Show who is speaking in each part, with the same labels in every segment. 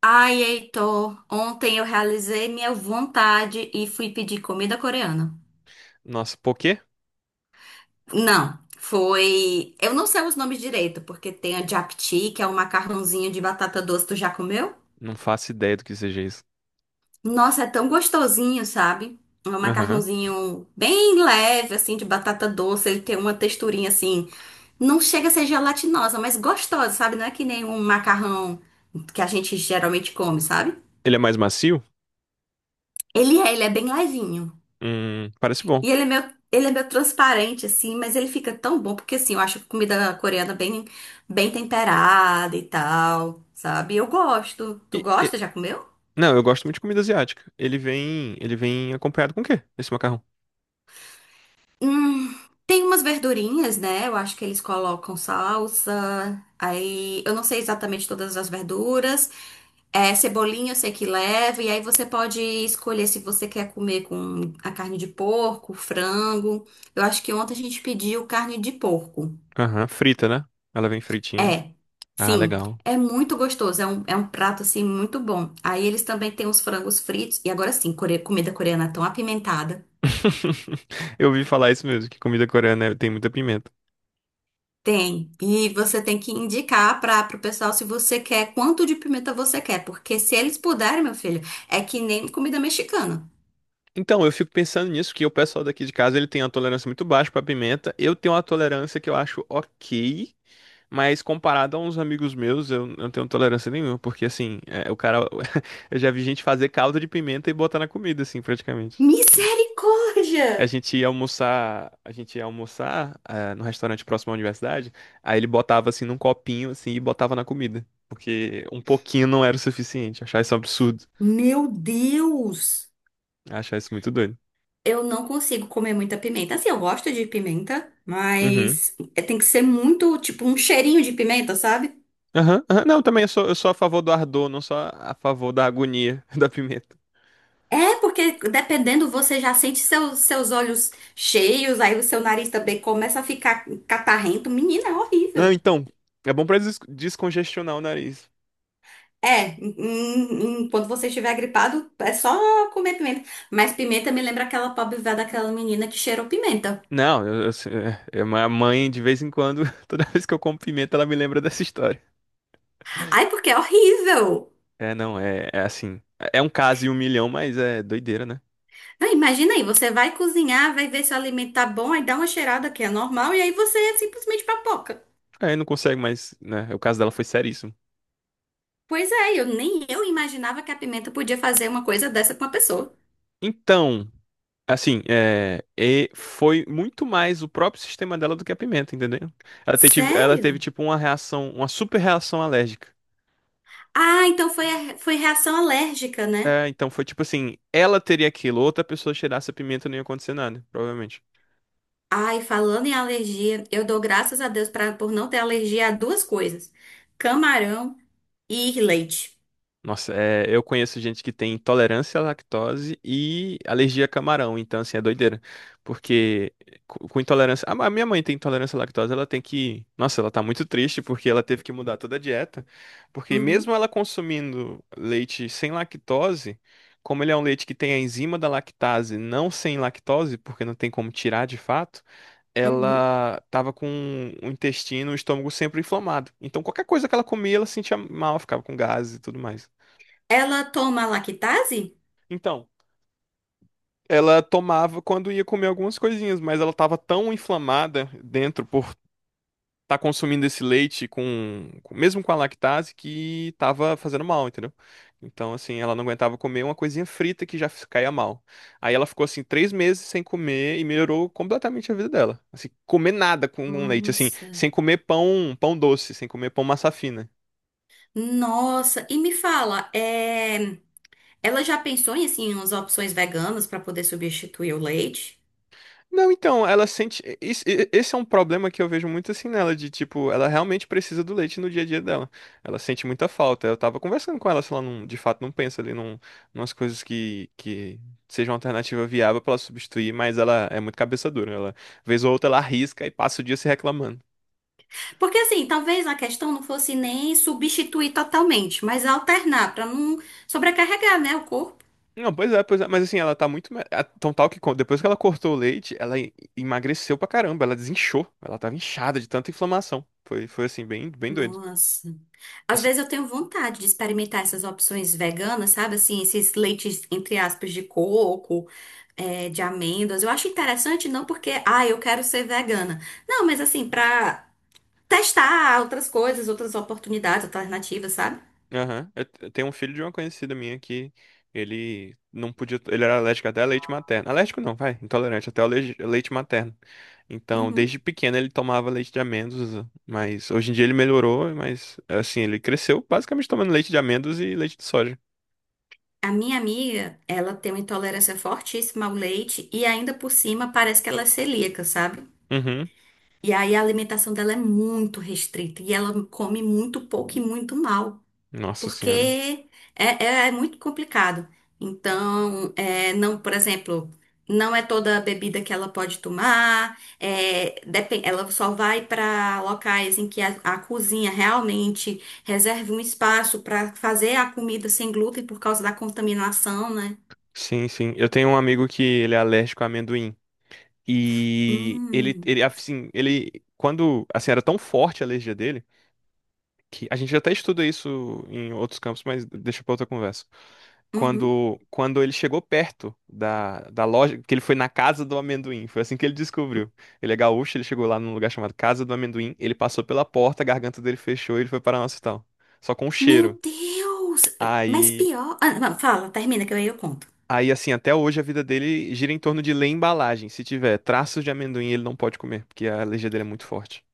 Speaker 1: Ai, Heitor, ontem eu realizei minha vontade e fui pedir comida coreana.
Speaker 2: Nossa, poquê?
Speaker 1: Não, foi. Eu não sei os nomes direito, porque tem a japchae, que é um macarrãozinho de batata doce. Tu já comeu?
Speaker 2: Não faço ideia do que seja isso.
Speaker 1: Nossa, é tão gostosinho, sabe? É um
Speaker 2: Aham.
Speaker 1: macarrãozinho bem leve, assim, de batata doce. Ele tem uma texturinha assim. Não chega a ser gelatinosa, mas gostosa, sabe? Não é que nem um macarrão que a gente geralmente come, sabe?
Speaker 2: Ele é mais macio?
Speaker 1: Ele é bem levinho.
Speaker 2: Parece bom.
Speaker 1: E ele é meio transparente, assim, mas ele fica tão bom, porque assim, eu acho a comida coreana bem temperada e tal, sabe? Eu gosto. Tu
Speaker 2: E- e-
Speaker 1: gosta? Já comeu?
Speaker 2: Não, eu gosto muito de comida asiática. Ele vem acompanhado com o quê? Esse macarrão?
Speaker 1: Hum, Tem umas verdurinhas, né? Eu acho que eles colocam salsa. Aí, eu não sei exatamente todas as verduras. É, cebolinha eu sei que leva. E aí você pode escolher se você quer comer com a carne de porco, frango. Eu acho que ontem a gente pediu carne de porco.
Speaker 2: Aham, frita, né? Ela vem fritinha.
Speaker 1: É,
Speaker 2: Ah,
Speaker 1: sim,
Speaker 2: legal.
Speaker 1: é muito gostoso, é um prato assim muito bom. Aí eles também têm os frangos fritos, e agora sim, comida coreana tão apimentada.
Speaker 2: Eu ouvi falar isso mesmo, que comida coreana é, tem muita pimenta.
Speaker 1: Tem, e você tem que indicar para o pessoal se você quer, quanto de pimenta você quer, porque se eles puderem, meu filho, é que nem comida mexicana.
Speaker 2: Então, eu fico pensando nisso, que o pessoal daqui de casa, ele tem uma tolerância muito baixa pra pimenta. Eu tenho uma tolerância que eu acho ok. Mas comparado a uns amigos meus, eu não tenho tolerância nenhuma, porque assim, é, o cara. Eu já vi gente fazer caldo de pimenta e botar na comida, assim, praticamente. A
Speaker 1: Misericórdia!
Speaker 2: gente ia almoçar, a gente ia almoçar, ah, no restaurante próximo à universidade, aí ele botava assim num copinho, assim, e botava na comida. Porque um pouquinho não era o suficiente. Achar isso um absurdo.
Speaker 1: Meu Deus!
Speaker 2: Achar isso muito doido.
Speaker 1: Eu não consigo comer muita pimenta. Assim, eu gosto de pimenta,
Speaker 2: Uhum.
Speaker 1: mas tem que ser muito, tipo, um cheirinho de pimenta, sabe?
Speaker 2: Aham, aham. Não, também eu sou, a favor do ardor, não sou a favor da agonia da pimenta.
Speaker 1: É, porque dependendo, você já sente seus olhos cheios, aí o seu nariz também começa a ficar catarrento. Menina, é
Speaker 2: Não,
Speaker 1: horrível.
Speaker 2: então, é bom pra descongestionar o nariz.
Speaker 1: É, quando você estiver gripado, é só comer pimenta. Mas pimenta me lembra aquela pobre véia daquela menina que cheirou pimenta.
Speaker 2: Não, minha mãe, de vez em quando, toda vez que eu como pimenta, ela me lembra dessa história.
Speaker 1: Ai, porque é horrível.
Speaker 2: É, não, é assim. É um caso e 1 milhão, mas é doideira, né?
Speaker 1: Não, imagina aí, você vai cozinhar, vai ver se o alimento tá bom, aí dá uma cheirada que é normal, e aí você é simplesmente papoca.
Speaker 2: Aí não consegue mais, né? O caso dela foi seríssimo.
Speaker 1: Pois é, eu nem eu imaginava que a pimenta podia fazer uma coisa dessa com uma pessoa.
Speaker 2: Então, assim, e foi muito mais o próprio sistema dela do que a pimenta, entendeu? Ela teve
Speaker 1: Sério?
Speaker 2: tipo uma reação, uma super reação alérgica.
Speaker 1: Ah, então foi, foi reação alérgica, né?
Speaker 2: É, então foi tipo assim, ela teria aquilo, outra pessoa cheirasse a pimenta não ia acontecer nada, provavelmente.
Speaker 1: Ai, falando em alergia, eu dou graças a Deus por não ter alergia a duas coisas: camarão e leite.
Speaker 2: Nossa, é, eu conheço gente que tem intolerância à lactose e alergia a camarão, então assim, é doideira. Porque com intolerância. A minha mãe tem intolerância à lactose, ela tem que. Nossa, ela tá muito triste porque ela teve que mudar toda a dieta. Porque mesmo
Speaker 1: Uhum,
Speaker 2: ela consumindo leite sem lactose, como ele é um leite que tem a enzima da lactase, não sem lactose, porque não tem como tirar de fato,
Speaker 1: uhum.
Speaker 2: ela tava com o intestino, o estômago sempre inflamado. Então qualquer coisa que ela comia, ela sentia mal, ficava com gases e tudo mais.
Speaker 1: Ela toma lactase?
Speaker 2: Então, ela tomava quando ia comer algumas coisinhas, mas ela tava tão inflamada dentro por estar consumindo esse leite mesmo com a lactase que tava fazendo mal, entendeu? Então, assim, ela não aguentava comer uma coisinha frita que já caía mal. Aí ela ficou assim 3 meses sem comer e melhorou completamente a vida dela. Assim, comer nada com leite, assim,
Speaker 1: Nossa.
Speaker 2: sem comer pão, pão doce, sem comer pão massa fina.
Speaker 1: Nossa, e me fala, é, ela já pensou em assim umas opções veganas para poder substituir o leite?
Speaker 2: Não, então, ela sente. Esse é um problema que eu vejo muito assim nela, de tipo, ela realmente precisa do leite no dia a dia dela. Ela sente muita falta. Eu tava conversando com ela, se ela não, de fato não pensa ali umas coisas que sejam uma alternativa viável pra ela substituir, mas ela é muito cabeça dura. Ela, vez ou outra, ela arrisca e passa o dia se reclamando.
Speaker 1: Porque assim, talvez a questão não fosse nem substituir totalmente, mas alternar para não sobrecarregar, né, o corpo.
Speaker 2: Não, pois é, mas assim, ela tá muito. Tão tal que depois que ela cortou o leite, ela emagreceu pra caramba, ela desinchou. Ela tava inchada de tanta inflamação. Foi assim, bem, bem doido.
Speaker 1: Nossa. Às vezes eu tenho vontade de experimentar essas opções veganas, sabe? Assim, esses leites, entre aspas, de coco, é, de amêndoas. Eu acho interessante, não porque, ah, eu quero ser vegana. Não, mas assim, pra testar outras coisas, outras oportunidades, alternativas, sabe?
Speaker 2: Aham. Eu tenho um filho de uma conhecida minha que ele não podia. Ele era alérgico até a leite materno. Alérgico não, vai. Intolerante até ao leite, leite materno. Então,
Speaker 1: Uhum.
Speaker 2: desde pequeno ele tomava leite de amêndoas, mas hoje em dia ele melhorou, mas assim, ele cresceu basicamente tomando leite de amêndoas e leite de soja.
Speaker 1: A minha amiga, ela tem uma intolerância fortíssima ao leite e ainda por cima parece que ela é celíaca, sabe?
Speaker 2: Uhum.
Speaker 1: E aí a alimentação dela é muito restrita e ela come muito pouco e muito mal.
Speaker 2: Nossa senhora.
Speaker 1: Porque é, é muito complicado. Então, é, não, por exemplo, não é toda a bebida que ela pode tomar, é, ela só vai para locais em que a cozinha realmente reserve um espaço para fazer a comida sem glúten por causa da contaminação, né?
Speaker 2: Sim, sim. Eu tenho um amigo que ele é alérgico a amendoim. E ele,
Speaker 1: Hum,
Speaker 2: ele assim, ele. Quando, assim, era tão forte a alergia dele, que a gente até estuda isso em outros campos, mas deixa para outra conversa.
Speaker 1: uhum.
Speaker 2: Quando ele chegou perto da loja, que ele foi na casa do amendoim, foi assim que ele descobriu. Ele é gaúcho, ele chegou lá num lugar chamado Casa do Amendoim, ele passou pela porta, a garganta dele fechou e ele foi para nosso hospital. Só com o
Speaker 1: Meu
Speaker 2: cheiro.
Speaker 1: Deus! Mas
Speaker 2: Aí
Speaker 1: pior. Ah, não, fala, termina que aí eu conto.
Speaker 2: Aí, assim, até hoje a vida dele gira em torno de ler embalagem. Se tiver traços de amendoim, ele não pode comer, porque a alergia dele é muito forte.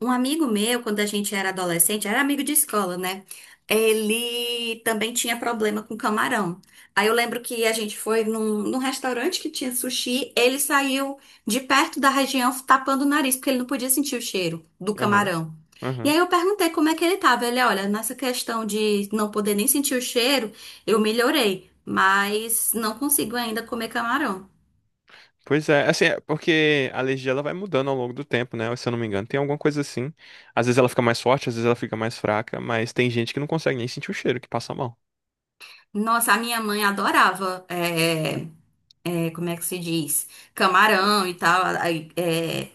Speaker 1: Um amigo meu, quando a gente era adolescente, era amigo de escola, né? Ele também tinha problema com camarão. Aí eu lembro que a gente foi num restaurante que tinha sushi, ele saiu de perto da região tapando o nariz, porque ele não podia sentir o cheiro do
Speaker 2: Aham,
Speaker 1: camarão. E
Speaker 2: aham.
Speaker 1: aí eu perguntei como é que ele tava. Ele, olha, nessa questão de não poder nem sentir o cheiro, eu melhorei, mas não consigo ainda comer camarão.
Speaker 2: Pois é, assim, é porque a alergia ela vai mudando ao longo do tempo, né? Se eu não me engano, tem alguma coisa assim. Às vezes ela fica mais forte, às vezes ela fica mais fraca, mas tem gente que não consegue nem sentir o cheiro, que passa mal.
Speaker 1: Nossa, a minha mãe adorava. É, como é que se diz? Camarão e tal. Aí, é,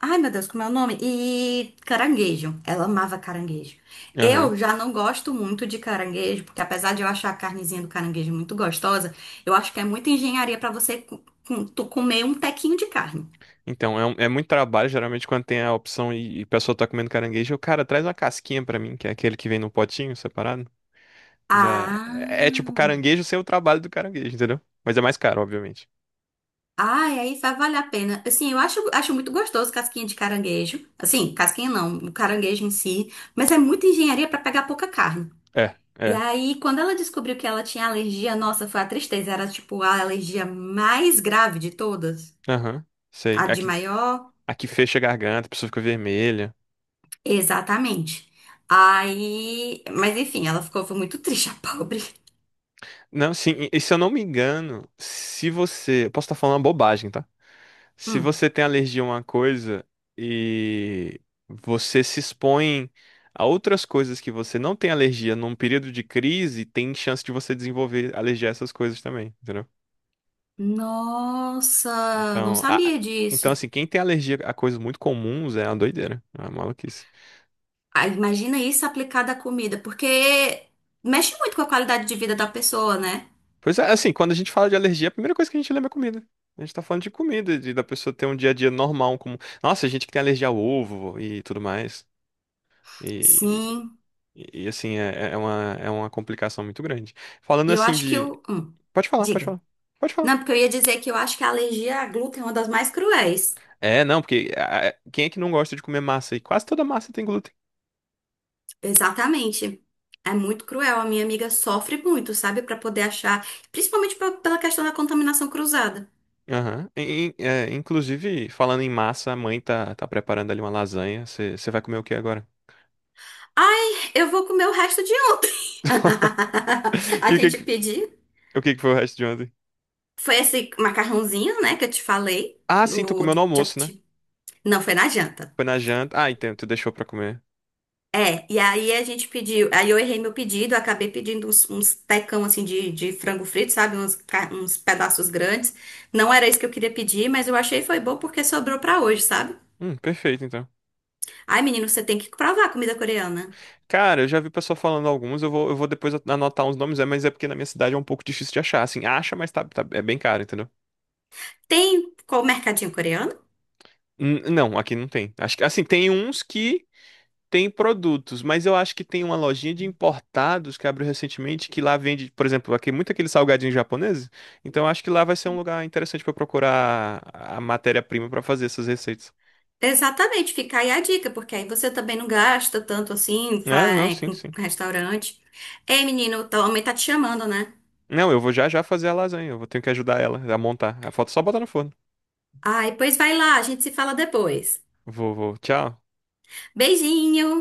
Speaker 1: ai, meu Deus, como é o nome? E caranguejo. Ela amava caranguejo.
Speaker 2: Aham.
Speaker 1: Eu já não gosto muito de caranguejo, porque apesar de eu achar a carnezinha do caranguejo muito gostosa, eu acho que é muita engenharia pra você tu comer um tequinho de carne.
Speaker 2: Então, é muito trabalho, geralmente, quando tem a opção e a pessoa tá comendo caranguejo, o cara traz uma casquinha pra mim, que é aquele que vem no potinho separado. Já. É, é tipo
Speaker 1: Ah,
Speaker 2: caranguejo sem o trabalho do caranguejo, entendeu? Mas é mais caro, obviamente.
Speaker 1: ai, aí vai valer a pena. Assim, eu acho muito gostoso casquinha de caranguejo. Assim, casquinha não, o caranguejo em si. Mas é muita engenharia pra pegar pouca carne.
Speaker 2: É,
Speaker 1: E
Speaker 2: é.
Speaker 1: aí, quando ela descobriu que ela tinha alergia, nossa, foi a tristeza. Era tipo a alergia mais grave de todas.
Speaker 2: Aham. Sei.
Speaker 1: A de
Speaker 2: Aqui,
Speaker 1: maior?
Speaker 2: aqui fecha a garganta, a pessoa fica vermelha.
Speaker 1: Exatamente. Aí. Mas enfim, ela ficou foi muito triste, a pobre.
Speaker 2: Não, sim, e se eu não me engano, se você. Eu Posso estar falando uma bobagem, tá? Se
Speaker 1: Hum.
Speaker 2: você tem alergia a uma coisa e você se expõe a outras coisas que você não tem alergia num período de crise, tem chance de você desenvolver alergia a essas coisas também, entendeu?
Speaker 1: Nossa, não
Speaker 2: Então,
Speaker 1: sabia
Speaker 2: então
Speaker 1: disso.
Speaker 2: assim, quem tem alergia a coisas muito comuns é uma doideira, é uma maluquice.
Speaker 1: Ah, imagina isso aplicado à comida, porque mexe muito com a qualidade de vida da pessoa, né?
Speaker 2: Pois é, assim, quando a gente fala de alergia, a primeira coisa que a gente lembra é comida. A gente tá falando de comida, de da pessoa ter um dia a dia normal, como. Nossa, gente que tem alergia ao ovo e tudo mais. E,
Speaker 1: Sim.
Speaker 2: e, assim, é uma complicação muito grande. Falando
Speaker 1: E eu
Speaker 2: assim
Speaker 1: acho que
Speaker 2: de.
Speaker 1: o.
Speaker 2: Pode falar, pode
Speaker 1: Diga.
Speaker 2: falar. Pode falar.
Speaker 1: Não, porque eu ia dizer que eu acho que a alergia a glúten é uma das mais cruéis.
Speaker 2: É, não, porque ah, quem é que não gosta de comer massa? E quase toda massa tem glúten.
Speaker 1: Exatamente. É muito cruel. A minha amiga sofre muito, sabe? Pra poder achar, principalmente pela questão da contaminação cruzada.
Speaker 2: Aham. E, inclusive, falando em massa, a mãe tá, preparando ali uma lasanha. Você vai comer o que agora?
Speaker 1: Ai, eu vou comer o resto de ontem. A
Speaker 2: E o que
Speaker 1: gente
Speaker 2: que,
Speaker 1: pediu.
Speaker 2: o que que foi o resto de ontem?
Speaker 1: Foi esse macarrãozinho, né, que eu te falei,
Speaker 2: Ah, sim, tu
Speaker 1: do
Speaker 2: comeu no almoço, né?
Speaker 1: chapati. Não, foi na janta.
Speaker 2: Foi na janta. Ah, então, tu deixou pra comer.
Speaker 1: É, e aí a gente pediu, aí eu errei meu pedido, eu acabei pedindo uns tecão assim de frango frito, sabe? Uns, uns pedaços grandes. Não era isso que eu queria pedir, mas eu achei foi bom porque sobrou pra hoje, sabe?
Speaker 2: Perfeito, então.
Speaker 1: Ai, menino, você tem que provar a comida coreana.
Speaker 2: Cara, eu já vi pessoa falando alguns, eu vou depois anotar uns nomes, mas é porque na minha cidade é um pouco difícil de achar, assim, acha, mas tá, é bem caro, entendeu?
Speaker 1: Tem qual mercadinho coreano?
Speaker 2: Não, aqui não tem. Acho que, assim, tem uns que tem produtos, mas eu acho que tem uma lojinha de importados que abriu recentemente, que lá vende, por exemplo, aqui muito aquele salgadinho japonês, então eu acho que lá vai ser um lugar interessante pra eu procurar a matéria-prima pra fazer essas receitas.
Speaker 1: Exatamente, fica aí a dica, porque aí você também não gasta tanto assim
Speaker 2: É,
Speaker 1: pra,
Speaker 2: não,
Speaker 1: é,
Speaker 2: sim,
Speaker 1: com
Speaker 2: sim.
Speaker 1: restaurante. Ei, menino, tua mãe tá te chamando, né?
Speaker 2: Não, eu vou já já fazer a lasanha, eu vou ter que ajudar ela a montar. A foto é só botar no forno.
Speaker 1: Ai, pois vai lá, a gente se fala depois.
Speaker 2: Vou, vou, tchau.
Speaker 1: Beijinho!